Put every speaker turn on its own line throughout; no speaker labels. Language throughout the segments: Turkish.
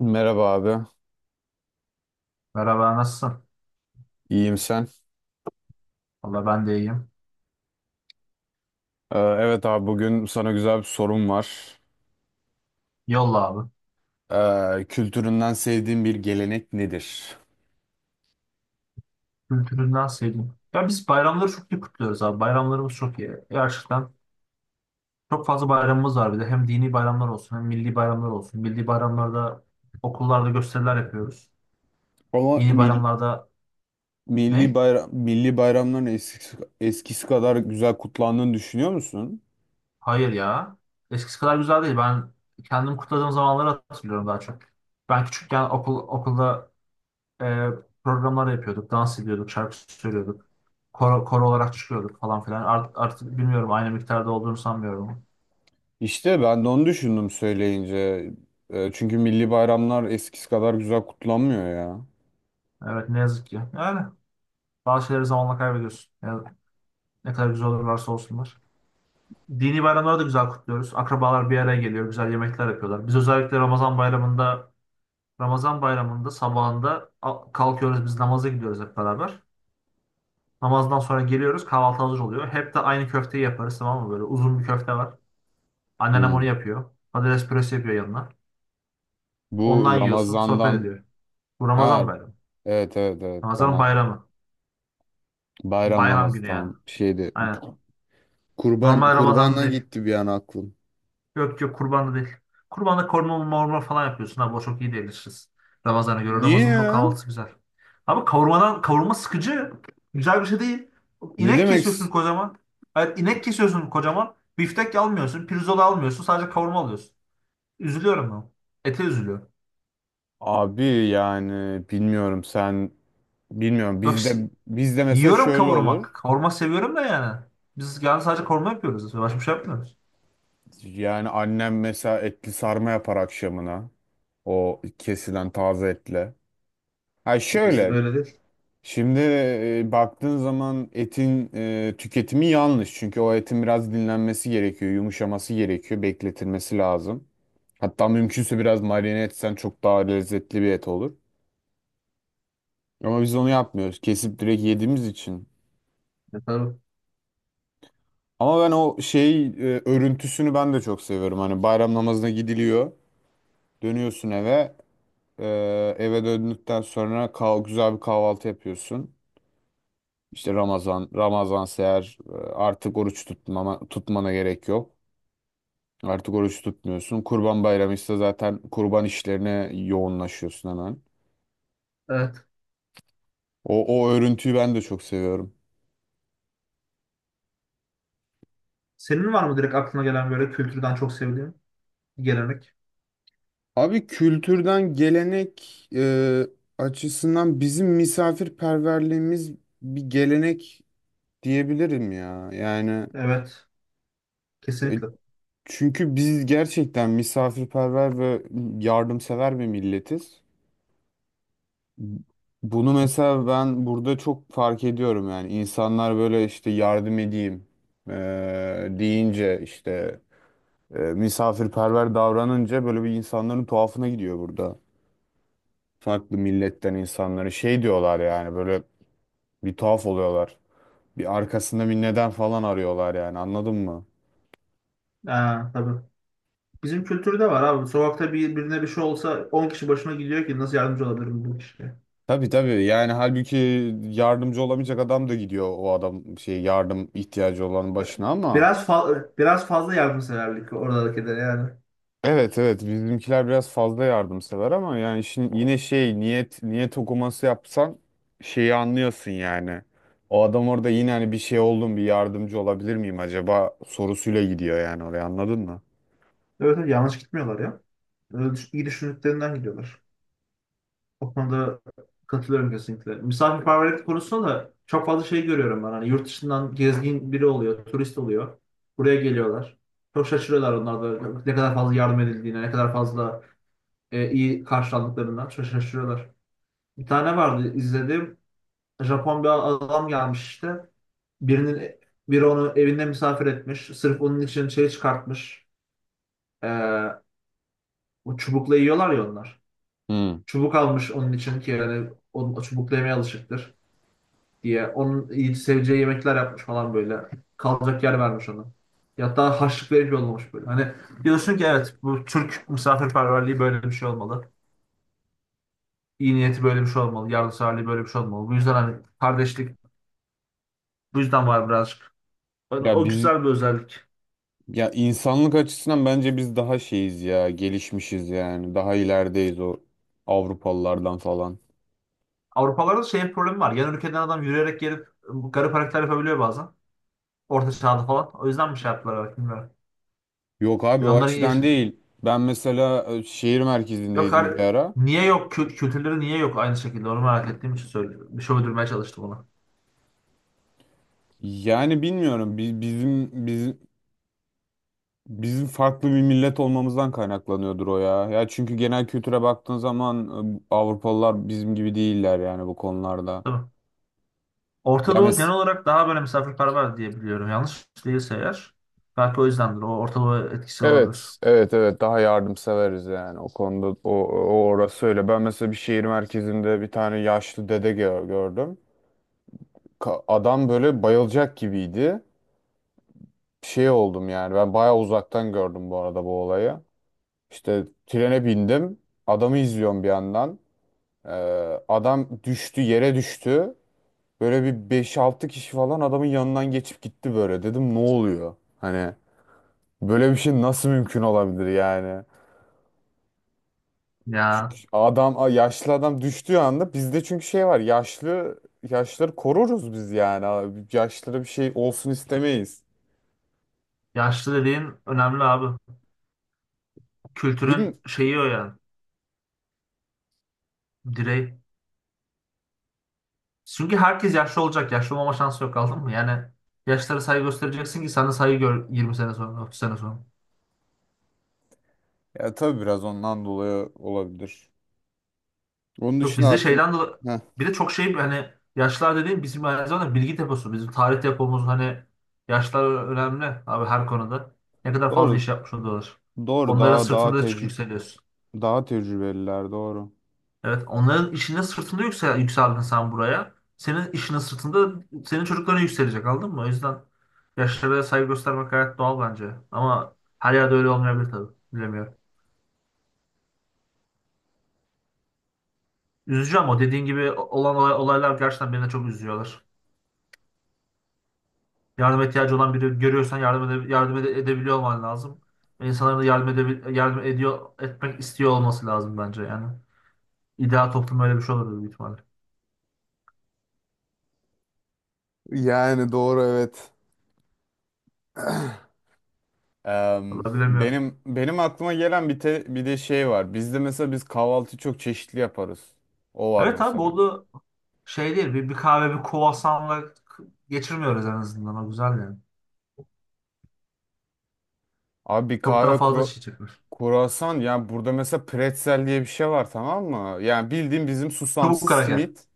Merhaba abi,
Merhaba nasılsın?
iyiyim, sen?
Valla ben de iyiyim.
Evet abi, bugün sana güzel bir sorum var.
Yolla abi.
Kültüründen sevdiğin bir gelenek nedir?
Kültüründen sevdim. Ya biz bayramları çok iyi kutluyoruz abi. Bayramlarımız çok iyi. Gerçekten çok fazla bayramımız var bir de. Hem dini bayramlar olsun hem milli bayramlar olsun. Milli bayramlarda okullarda gösteriler yapıyoruz.
Ama
Dini
mil-
bayramlarda
milli
ne?
bayram milli bayramların eskisi kadar güzel kutlandığını düşünüyor musun?
Hayır ya. Eskisi kadar güzel değil. Ben kendim kutladığım zamanları hatırlıyorum daha çok. Ben küçükken okulda e, programlar yapıyorduk. Dans ediyorduk, şarkı söylüyorduk. Koro olarak çıkıyorduk falan filan. Artık bilmiyorum aynı miktarda olduğunu sanmıyorum.
İşte ben de onu düşündüm söyleyince. Çünkü milli bayramlar eskisi kadar güzel kutlanmıyor ya.
Evet ne yazık ki. Yani bazı şeyleri zamanla kaybediyorsun. Yani ne kadar güzel olurlarsa olsunlar. Dini bayramları da güzel kutluyoruz. Akrabalar bir araya geliyor. Güzel yemekler yapıyorlar. Biz özellikle Ramazan bayramında sabahında kalkıyoruz biz namaza gidiyoruz hep beraber. Namazdan sonra geliyoruz kahvaltı hazır oluyor. Hep de aynı köfteyi yaparız tamam mı böyle uzun bir köfte var. Anneannem
Hmm.
onu yapıyor. Patates püresi yapıyor yanına.
Bu
Ondan yiyorsun. Sohbet
Ramazan'dan
ediyor. Bu Ramazan
Ha,
bayramı.
evet, evet, evet,
Ramazan
Ramazan.
bayramı.
Bayram
Bayram
namazı
günü yani.
tamam şeydi.
Aynen.
Kurban
Normal Ramazan'da
kurbana
değil.
gitti bir an aklım.
Yok yok kurbanda değil. Kurbanda korma morma falan yapıyorsun. Abi o çok iyi değiliz. Ramazan'a göre.
Niye
Ramazan'ın o
ya?
kahvaltısı güzel. Abi kavurmadan kavurma sıkıcı. Güzel bir şey değil.
Ne
İnek
demek?
kesiyorsun kocaman. Hayır, inek kesiyorsun kocaman. Biftek almıyorsun. Pirzola almıyorsun. Sadece kavurma alıyorsun. Üzülüyorum ben. Ete üzülüyorum.
Abi yani bilmiyorum
Yok
bizde
si-
bizde mesela
Yiyorum
şöyle
kavurma.
olur.
Kavurma seviyorum da yani. Biz yani sadece kavurma yapıyoruz. Başka bir şey yapmıyoruz.
Yani annem mesela etli sarma yapar akşamına. O kesilen taze etle. Ha,
Bizde
şöyle
böyle değil.
şimdi, baktığın zaman etin tüketimi yanlış. Çünkü o etin biraz dinlenmesi gerekiyor, yumuşaması gerekiyor, bekletilmesi lazım. Hatta mümkünse biraz marine etsen çok daha lezzetli bir et olur. Ama biz onu yapmıyoruz. Kesip direkt yediğimiz için.
Tabii.
Ama ben o şey örüntüsünü ben de çok seviyorum. Hani bayram namazına gidiliyor. Dönüyorsun eve. E, eve döndükten sonra güzel bir kahvaltı yapıyorsun. İşte Ramazan eğer artık oruç tutmana gerek yok. Artık oruç tutmuyorsun. Kurban Bayramı ise zaten kurban işlerine yoğunlaşıyorsun hemen.
Evet.
O örüntüyü ben de çok seviyorum.
Senin var mı direkt aklına gelen böyle kültürden çok sevdiğin gelenek?
Abi, kültürden gelenek açısından bizim misafirperverliğimiz bir gelenek diyebilirim ya. Yani,
Evet.
e,
Kesinlikle.
çünkü biz gerçekten misafirperver ve yardımsever bir milletiz. Bunu mesela ben burada çok fark ediyorum, yani insanlar böyle işte yardım edeyim e, deyince, işte misafirperver davranınca böyle bir insanların tuhafına gidiyor burada. Farklı milletten insanları şey diyorlar, yani böyle bir tuhaf oluyorlar. Bir arkasında bir neden falan arıyorlar, yani anladın mı?
Aa, tabii. Bizim kültürde var abi. Sokakta birine bir şey olsa 10 kişi başına gidiyor ki nasıl yardımcı olabilirim bu kişiye.
Tabii, tabii, yani halbuki yardımcı olamayacak adam da gidiyor, o adam şey yardım ihtiyacı olanın başına ama,
Biraz fazla yardımseverlik oradakilere yani.
evet, evet, bizimkiler biraz fazla yardımsever ama, yani şimdi yine şey niyet okuması yapsan şeyi anlıyorsun yani. O adam orada yine hani bir şey oldum, bir yardımcı olabilir miyim acaba sorusuyla gidiyor yani oraya, anladın mı?
Evet, evet yanlış gitmiyorlar ya. İyi düşündüklerinden gidiyorlar. O konuda katılıyorum kesinlikle. Misafirperverlik konusunda da çok fazla şey görüyorum ben. Hani yurt dışından gezgin biri oluyor, turist oluyor. Buraya geliyorlar. Çok şaşırıyorlar onlar da ne kadar fazla yardım edildiğine, ne kadar fazla iyi karşılandıklarından çok şaşırıyorlar. Bir tane vardı izledim. Japon bir adam gelmiş işte. Birinin Biri onu evinde misafir etmiş. Sırf onun için şey çıkartmış. Ee, O çubukla yiyorlar ya onlar.
Hmm.
Çubuk almış onun için ki yani o çubukla yemeye alışıktır diye. Onun iyi seveceği yemekler yapmış falan böyle. Kalacak yer vermiş ona. Ya hatta harçlık verip yollamış böyle. Hani diyorsun ki evet bu Türk misafirperverliği böyle bir şey olmalı. İyi niyeti böyle bir şey olmalı. Yardımseverliği böyle bir şey olmalı. Bu yüzden hani kardeşlik bu yüzden var birazcık. Yani
Ya
o
biz
güzel bir özellik.
Ya insanlık açısından bence biz daha şeyiz ya, gelişmişiz yani. Daha ilerideyiz o Avrupalılardan falan.
Avrupalarda şey problemi var. Yan ülkeden adam yürüyerek gelip bu garip hareketler yapabiliyor bazen. Orta çağda falan. O yüzden mi şey yaptılar belki bilmiyorum.
Yok abi,
Bir de
o
onların iyi...
açıdan değil. Ben mesela şehir
Yok
merkezindeydim bir
har-
ara.
Niye yok? Kültürleri niye yok aynı şekilde? Onu merak ettiğim için söylüyorum. Bir şey uydurmaya çalıştım ona.
Yani bilmiyorum, bizim farklı bir millet olmamızdan kaynaklanıyordur o ya. Ya çünkü genel kültüre baktığın zaman Avrupalılar bizim gibi değiller yani bu konularda.
Tabii. Orta
Ya
Doğu genel
mes-
olarak daha böyle misafirperver diye biliyorum. Yanlış değilse eğer. Belki o yüzdendir. O Orta Doğu etkisi olabilir.
Evet, evet, evet. Daha yardımseveriz yani o konuda. O orası öyle. Ben mesela bir şehir merkezinde bir tane yaşlı dede gördüm. Adam böyle bayılacak gibiydi. Şey oldum yani. Ben bayağı uzaktan gördüm bu arada bu olayı. İşte trene bindim. Adamı izliyorum bir yandan. Ee, adam düştü, yere düştü. Böyle bir beş altı kişi falan adamın yanından geçip gitti böyle. Dedim, ne oluyor? Hani böyle bir şey nasıl mümkün olabilir yani? Çünkü
Ya
adam, yaşlı adam düştüğü anda, bizde çünkü şey var, yaşları koruruz biz yani abi. Yaşlara bir şey olsun istemeyiz.
yaşlı dediğin önemli abi. Kültürün
Bilim
şeyi o yani. Direği. Çünkü herkes yaşlı olacak. Yaşlı olmama şansı yok aldın mı? Yani yaşlara saygı göstereceksin ki sana saygı gör 20 sene sonra, 30 sene sonra.
ya tabii biraz ondan dolayı olabilir. Onun
Yok
dışında
bizde
aklım...
şeyden dolayı
Heh,
bir de çok şey hani yaşlar dediğim bizim aynı zamanda bilgi deposu. Bizim tarih depomuz hani yaşlar önemli abi her konuda. Ne kadar fazla iş
doğru,
yapmış oluyorlar.
doğru,
Onların
daha daha
sırtında çık
tecrü
yükseliyorsun.
daha tecrübeliler doğru.
Evet onların işinin sırtında yükseldin sen buraya. Senin işinin sırtında senin çocukların yükselecek anladın mı? O yüzden yaşlara saygı göstermek gayet doğal bence. Ama her yerde öyle olmayabilir tabii. Bilemiyorum. Üzücü ama dediğin gibi olan olaylar gerçekten beni de çok üzüyorlar. Yardıma ihtiyacı olan biri görüyorsan edebiliyor olman lazım. Ve İnsanların da etmek istiyor olması lazım bence yani. İdeal toplum öyle bir şey olur büyük ihtimalle.
Yani doğru, evet. Em,
Vallahi bilemiyorum.
benim benim aklıma gelen bir de şey var. Bizde mesela biz kahvaltı çok çeşitli yaparız. O var
Evet abi
mesela.
bu da şey değil. Bir kahve bir kruvasanla geçirmiyoruz en azından. O güzel yani.
Abi, bir
Çok daha
kahve
fazla
kru
şey çıkmış.
kruvasan yani burada mesela pretzel diye bir şey var, tamam mı? Yani bildiğin bizim
Çubuk
susamsız
kraker.
simit.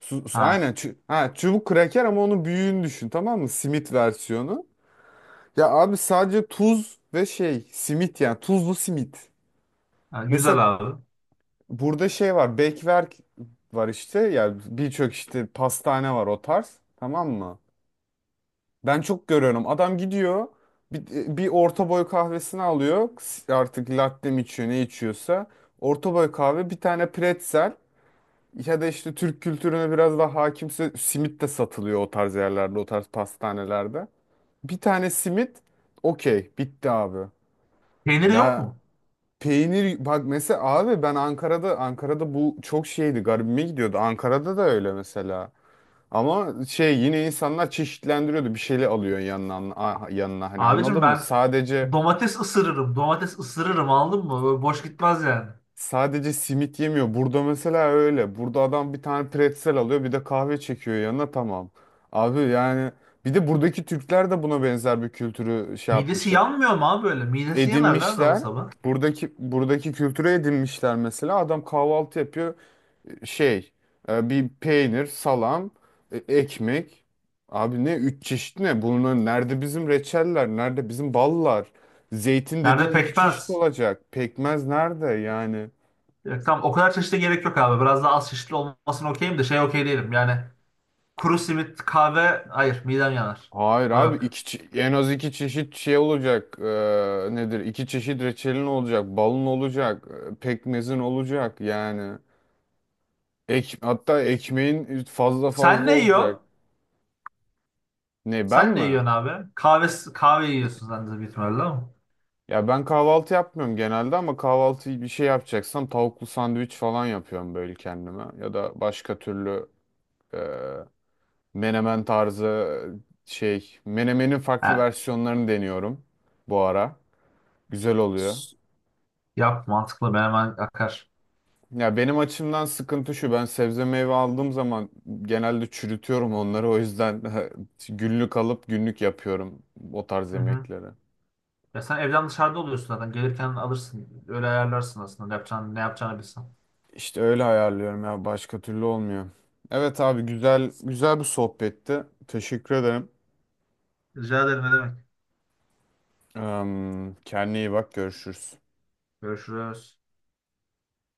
Su- su-
Ha,
aynen çu- ha, çubuk kraker ama onun büyüğünü düşün, tamam mı? Simit versiyonu. Ya abi, sadece tuz ve şey simit, yani tuzlu simit.
ha, güzel
Mesela
abi.
burada şey var, bekverk var işte, yani birçok işte pastane var o tarz, tamam mı? Ben çok görüyorum. Adam gidiyor, bir, bir orta boy kahvesini alıyor. Artık latte mi içiyor, ne içiyorsa. Orta boy kahve, bir tane pretzel, ya da işte Türk kültürüne biraz daha hakimse simit de satılıyor o tarz yerlerde, o tarz pastanelerde. Bir tane simit, okey, bitti abi.
Peyniri yok
Ya
mu?
peynir, bak mesela abi, ben Ankara'da bu çok şeydi, garibime gidiyordu. Ankara'da da öyle mesela. Ama şey, yine insanlar çeşitlendiriyordu. Bir şeyle alıyor yanına, yanına, hani,
Abicim
anladın mı?
ben
Sadece
domates ısırırım. Domates ısırırım anladın mı? Böyle boş gitmez yani.
sadece simit yemiyor. Burada mesela öyle. Burada adam bir tane pretzel alıyor, bir de kahve çekiyor yanına, tamam. Abi yani, bir de buradaki Türkler de buna benzer bir kültürü şey
Midesi
yapmışlar.
yanmıyor mu abi böyle? Midesi yanar lan adamın
Edinmişler.
sabah.
Buradaki kültüre edinmişler mesela. Adam kahvaltı yapıyor. Şey, bir peynir, salam, ekmek. Abi ne üç çeşit ne? Bunun nerede bizim reçeller, nerede bizim ballar? Zeytin
Nerede
dediğin iki çeşit
pekmez.
olacak. Pekmez nerede yani?
Tamam o kadar çeşitli gerek yok abi. Biraz daha az çeşitli olmasına okeyim de şey okey değilim. Yani kuru simit, kahve hayır midem yanar.
Hayır
O
abi,
yok.
en az iki çeşit şey olacak. Nedir? İki çeşit reçelin olacak, balın olacak, pekmezin olacak yani. Hatta ekmeğin fazla
Sen
fazla
ne
olacak.
yiyorsun?
Ne, ben
Sen ne
mi?
yiyorsun abi? Kahve yiyorsun sen de büyük ihtimalle ama.
Ya ben kahvaltı yapmıyorum genelde, ama kahvaltıyı bir şey yapacaksam tavuklu sandviç falan yapıyorum böyle kendime. Ya da başka türlü e, menemen tarzı, şey menemenin
He.
farklı versiyonlarını deniyorum bu ara. Güzel oluyor.
S- Yap mantıklı ben hemen akar.
Ya benim açımdan sıkıntı şu, ben sebze meyve aldığım zaman genelde çürütüyorum onları, o yüzden günlük alıp günlük yapıyorum o tarz
Hı hı.
yemekleri.
Ya sen evden dışarıda oluyorsun zaten. Gelirken alırsın. Öyle ayarlarsın aslında. Yapacağın, ne yapacağını bilsen.
İşte öyle ayarlıyorum, ya başka türlü olmuyor. Evet abi, güzel güzel bir sohbetti. Teşekkür ederim.
Rica ederim ne demek.
Kendine iyi bak, görüşürüz.
Görüşürüz.